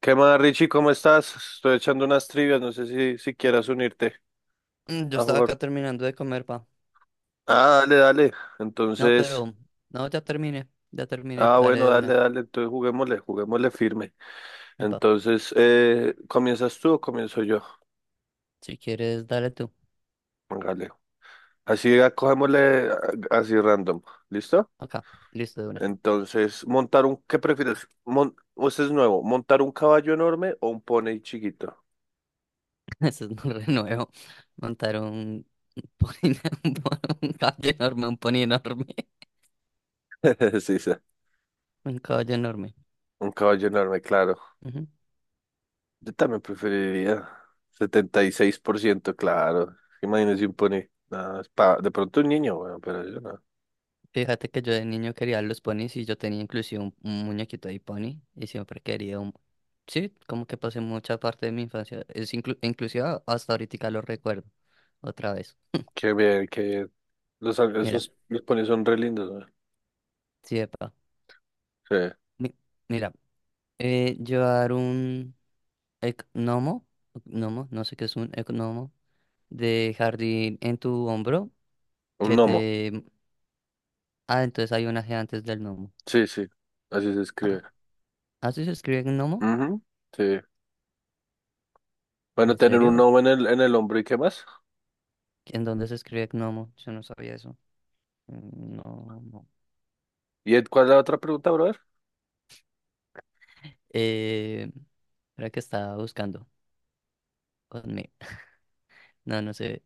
¿Qué más, Richie? ¿Cómo estás? Estoy echando unas trivias, no sé si quieras unirte Yo a estaba jugar. acá terminando de comer, pa. Ah, dale, dale. No, Entonces, pero. No, ya terminé. Ya terminé. Dale bueno, de dale, una. dale. Entonces juguémosle, juguémosle firme. Epa, Entonces, ¿comienzas tú o comienzo yo? si quieres, dale tú. Dale. Así, cogémosle así random. ¿Listo? Acá. Listo, de una. Entonces, montar un, ¿qué prefieres? Este es nuevo, ¿montar un caballo enorme o un pony chiquito? Eso es un renuevo. Montar un pony. Un caballo enorme, un pony enorme. Sí, sí, Un caballo enorme. un caballo enorme, claro. Ujú. Yo también preferiría 76% claro. Imagínese un pony. No, es de pronto un niño, bueno, pero yo no. Fíjate que yo de niño quería los ponis y yo tenía inclusive un muñequito de pony y siempre quería un. Sí, como que pasé mucha parte de mi infancia. Es inclusive hasta ahorita lo recuerdo. Otra vez. Qué bien, qué bien. Los, Mira, esos, los ponis son re lindos, weón. sí, epa. Sí. Mi- Mira, llevar un gnomo, gnomo, no sé qué es un gnomo, de jardín en tu hombro, Un que gnomo. te. Ah, entonces hay un G antes del gnomo. Sí, sí. Así se escribe. Ah, ¿así se escribe gnomo? Ujú, sí. Bueno, ¿En tener un serio? gnomo en el hombro y qué más. ¿En dónde se escribe gnomo? Yo no sabía eso. Mm, no, no. ¿Y cuál es la otra pregunta, brother? Eh, era que estaba buscando. Conmigo. No, no sé.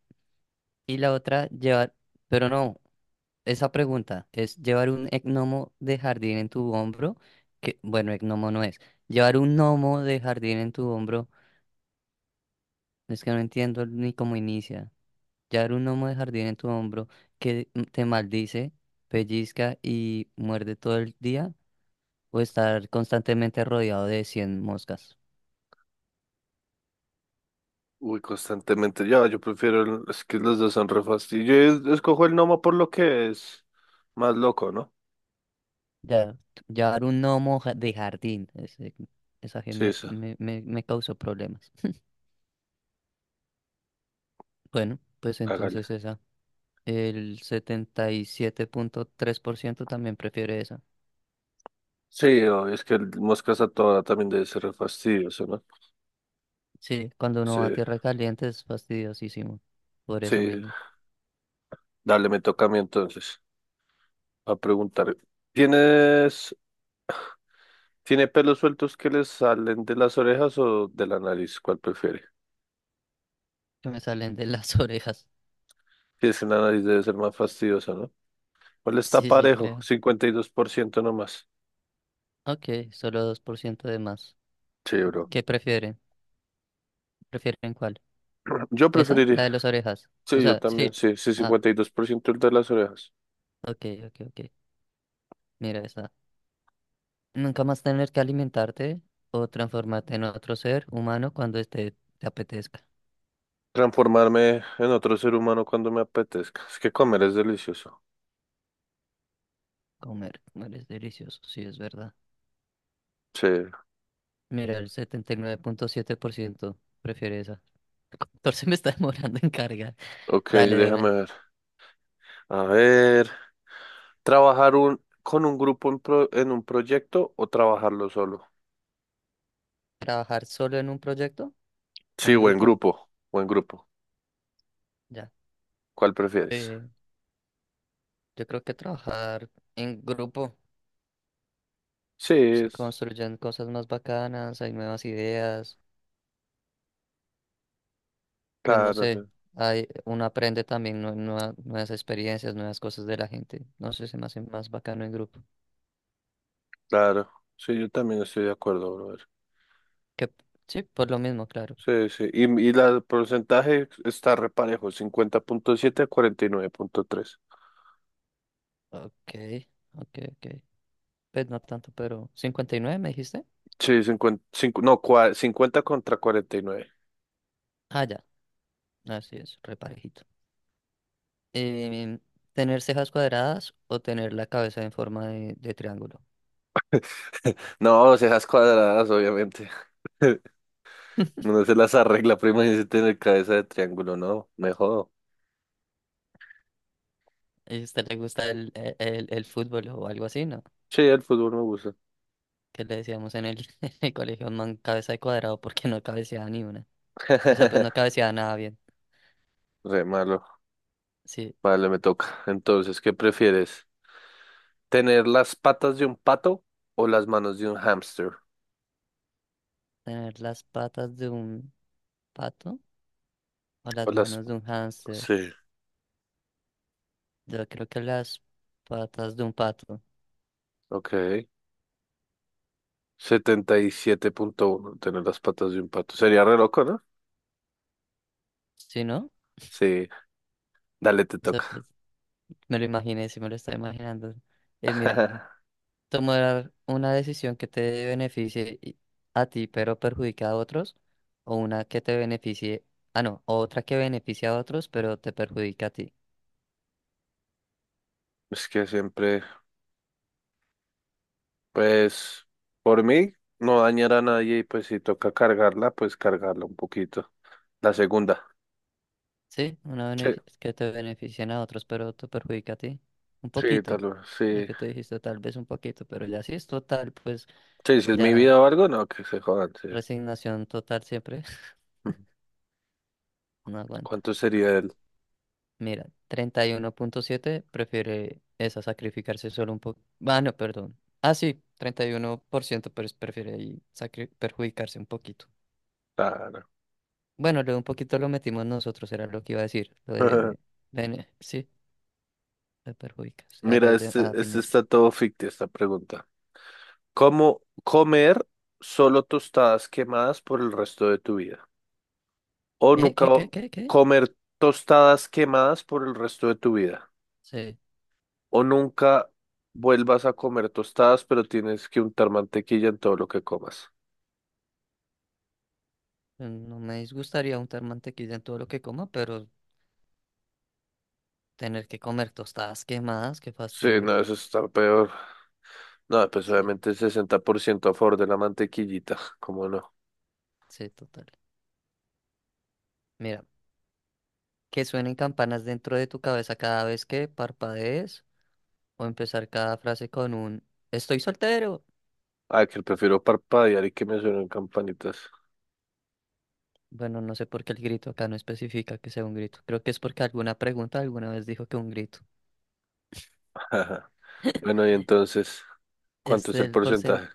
Y la otra, llevar. Pero no. Esa pregunta es llevar un gnomo de jardín en tu hombro, que bueno, gnomo no es. Llevar un gnomo de jardín en tu hombro, es que no entiendo ni cómo inicia. Llevar un gnomo de jardín en tu hombro que te maldice, pellizca y muerde todo el día, o estar constantemente rodeado de 100 moscas. Uy, constantemente. Yo prefiero. Es que los dos son re fastidio. Yo escojo el gnomo por lo que es más loco, ¿no? Ya, llevar un gnomo de jardín, esa que Sí, me, eso. me, me, me causó problemas. Bueno, pues Hágale. entonces esa. El 77,3% también prefiere eso. Sí, obvio, es que el moscas a toda hora también debe ser re fastidioso, ¿no? Sí, cuando uno Sí, va a tierra caliente es fastidiosísimo. Por sí, eso mismo. dale, me toca a mí entonces a preguntar. ¿Tienes, tiene pelos sueltos que le salen de las orejas o de la nariz? ¿Cuál prefiere? Que me salen de las orejas. Si es que la nariz debe ser más fastidiosa, ¿no? ¿Cuál está Sí, sí, parejo? creo. 52% nomás. Ok, solo 2% de más. Sí, bro. ¿Qué prefieren? ¿Prefieren cuál? Yo ¿Esa? La preferiría. de las orejas. O Sí, yo sea, también. sí. Sí, sí, Ah, 52% el de las orejas. ok, ok, ok. Mira esa. Nunca más tener que alimentarte o transformarte en otro ser humano cuando este te apetezca. Transformarme en otro ser humano cuando me apetezca. Es que comer es delicioso. Comer, comer es delicioso, sí, es verdad. Sí. Mira, el 79,7% prefiere esa. El 14 me está demorando en cargar. Ok, Dale de déjame una. ver. A ver, trabajar con un grupo en un proyecto o trabajarlo solo. ¿Trabajar solo en un proyecto o Sí, en grupo? O en grupo. Ya. ¿Cuál prefieres? Eh, yo creo que trabajar en grupo Sí, se es, construyen cosas más bacanas, hay nuevas ideas, pues no claro, sé, sí, hay, uno aprende también nuevas experiencias, nuevas cosas de la gente. No sé, se me hace más bacano en grupo. claro. Sí, yo también estoy de acuerdo, brother. Que, sí, por lo mismo, claro. Sí, sí. Y el porcentaje está reparejo, 50.7 a 49.3. Ok, ok, ok. Pues no tanto, pero 59 me dijiste. Sí, no, 50 contra 49. Ah, ya. Así es, reparejito. Eh, ¿tener cejas cuadradas o tener la cabeza en forma de triángulo? No, seas cuadradas, obviamente. Uno se las arregla, prima, y se tiene cabeza de triángulo, no, mejor. ¿Y a usted le gusta el fútbol o algo así, no? Sí, el fútbol me gusta. Que le decíamos en el, en el colegio, man, cabeza de cuadrado porque no cabeceaba ni una. O sea, pues no cabeceaba nada bien. Re malo. Sí, Vale, me toca. Entonces, ¿qué prefieres? ¿Tener las patas de un pato o las manos de un hámster? tener las patas de un pato o O las las. manos de un hámster. Sí, Yo creo que las patas de un pato. ok. 77.1, tener las patas de un pato. Sería re loco, ¿no? ¿Sí, no? Sí, dale, te O sea, pues toca. me lo imaginé, sí me lo estoy imaginando. Mira. Tomar una decisión que te beneficie a ti, pero perjudica a otros, o una que te beneficie, ah, no, o otra que beneficie a otros, pero te perjudica a ti. Es que siempre, pues, por mí, no dañar a nadie y pues si toca cargarla, pues cargarla un poquito. La segunda. Sí, una Sí, que te beneficien a otros, pero te perjudica a ti. Un sí, tal poquito, vez, lo sí. que tú dijiste, tal vez un poquito, pero ya si es total, pues Sí, si es mi ya vida o algo, no, que se jodan, sí. resignación total siempre Ujú. no aguanta. ¿Cuánto sería el? Mira, 31,7 prefiere esa sacrificarse solo un poco. Ah, no, perdón. Ah, sí, 31% prefiere ahí perjudicarse un poquito. Claro. Bueno, lo un poquito lo metimos nosotros, era lo que iba a decir. Lo de, sí, te perjudicas a Mira, los de, este, a ti este mismo. está todo ficticio, esta pregunta. ¿Cómo comer solo tostadas quemadas por el resto de tu vida? ¿O ¿Qué, nunca qué, qué, qué, qué? comer tostadas quemadas por el resto de tu vida? Sí, ¿O nunca vuelvas a comer tostadas, pero tienes que untar mantequilla en todo lo que comas? no me disgustaría untar mantequilla en todo lo que coma, pero tener que comer tostadas quemadas, qué Sí, fastidio. no, eso está peor. No, pues Sí, obviamente 60% a favor de la mantequillita, ¿cómo no? sí, total. Mira, que suenen campanas dentro de tu cabeza cada vez que parpadees o empezar cada frase con un estoy soltero. Ay, que prefiero parpadear y que me suenen campanitas. Bueno, no sé por qué el grito acá no especifica que sea un grito. Creo que es porque alguna pregunta alguna vez dijo que un grito. Ajá. Bueno, y entonces, Es ¿cuánto es el del porcentaje porcentaje?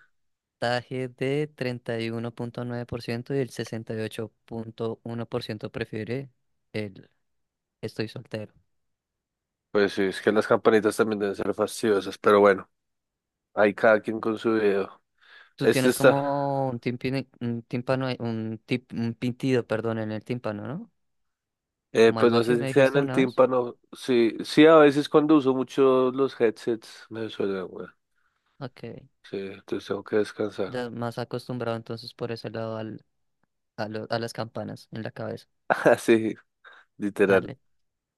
de 31,9% y el 68,1% prefiere el estoy soltero. Pues sí, es que las campanitas también deben ser fastidiosas, pero bueno, hay cada quien con su video. Tú Este tienes está, como un un tímpano, un pintido, perdón, en el tímpano, ¿no? Como pues algo no sé así si me sea en dijiste el una vez. tímpano, sí, sí, a veces cuando uso mucho los headsets me suena, weón. Ok. Sí, entonces tengo que descansar. Ya más acostumbrado entonces por ese lado al, a las campanas en la cabeza. Ah, sí, literal. Dale,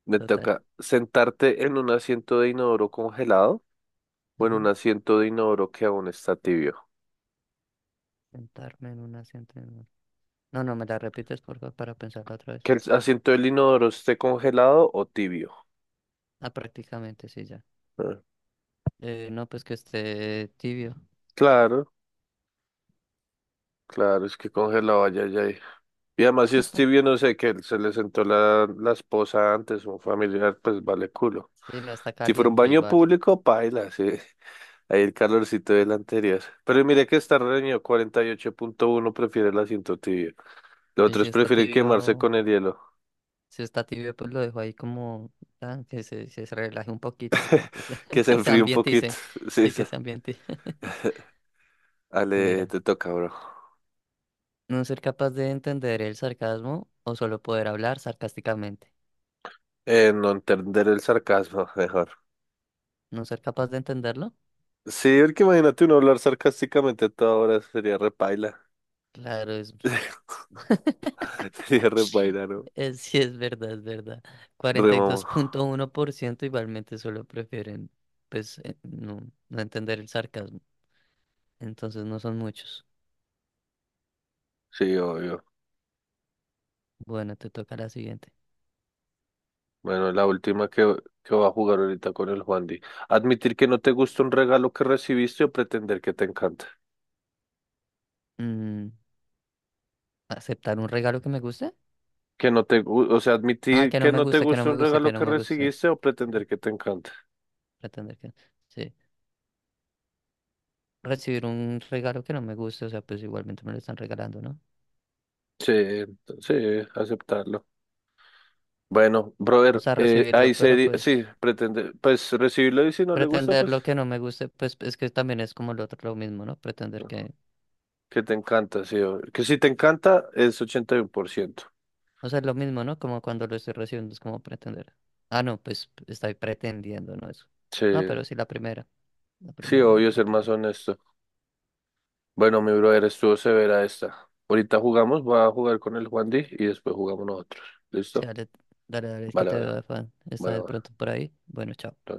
Me total. toca sentarte en un asiento de inodoro congelado o en un Ujú. asiento de inodoro que aún está tibio. Sentarme en un asiento. En un. No, no, me la repites por favor para pensarla otra vez. Que el asiento del inodoro esté congelado o tibio. Ah, prácticamente sí, ya. Ah, No, pues que esté tibio. claro, claro, es que congelado allá, ya ahí. Y además, si Stevie, no sé, que él se le sentó la esposa antes, un familiar, pues vale culo. Sí, no está Si fuera un caliente baño igual. público, paila, sí. Ahí el calorcito del anterior. Pero mire que está reñido, 48.1 prefiere el asiento tibio. Los Y si otros está prefieren quemarse tibio, con el hielo, si está tibio, pues lo dejo ahí como tan que se relaje un poquito, tan que se, que se se enfríe un ambiente poquito. se, Sí, sí que esa. se ambiente. Ale, Mira. te toca, bro. No ser capaz de entender el sarcasmo o solo poder hablar sarcásticamente. No entender el sarcasmo, mejor. No ser capaz de entenderlo. Sí, porque imagínate uno hablar sarcásticamente a toda hora, sería repaila. Claro, es, Sería re paila, ¿no? es sí es verdad, es verdad. Re cuarenta y dos mamá. punto uno por ciento igualmente solo prefieren, pues, no entender el sarcasmo. Entonces no son muchos. Sí, obvio. Bueno, te toca la siguiente. Bueno, la última que va a jugar ahorita con el Juan Di. Admitir que no te gusta un regalo que recibiste o pretender que te encanta. Mm, ¿aceptar un regalo que me guste? Que no te, o sea, Ah, admitir que no que me no te guste, que no gusta me un guste, regalo que no que me guste. recibiste o Sí, pretender que te encanta. pretender que. Sí. Recibir un regalo que no me guste, o sea, pues igualmente me lo están regalando, ¿no? Sí, sí, aceptarlo. Bueno, O brother, sea, recibirlo, ahí pero sería, sí, pues pretender, pues recibirlo y si no le gusta, pretender pues lo que no me guste, pues es que también es como lo otro, lo mismo, ¿no? Pretender no, que, que te encanta, sí, obvio. Que si te encanta es 81%. o sea, es lo mismo, ¿no? Como cuando lo estoy recibiendo, es como pretender. Ah, no, pues estoy pretendiendo, ¿no? Eso. Sí, No, pero sí la sí, primera, muy obvio, la ser más primera. honesto. Bueno, mi brother, estuvo severa esta. Ahorita jugamos, voy a jugar con el Juan D y después jugamos nosotros. Sí, ¿Listo? dale, dale, dale, que Vale, te vale, veo de fan. Está de vale, pronto por ahí. Bueno, chao. vale.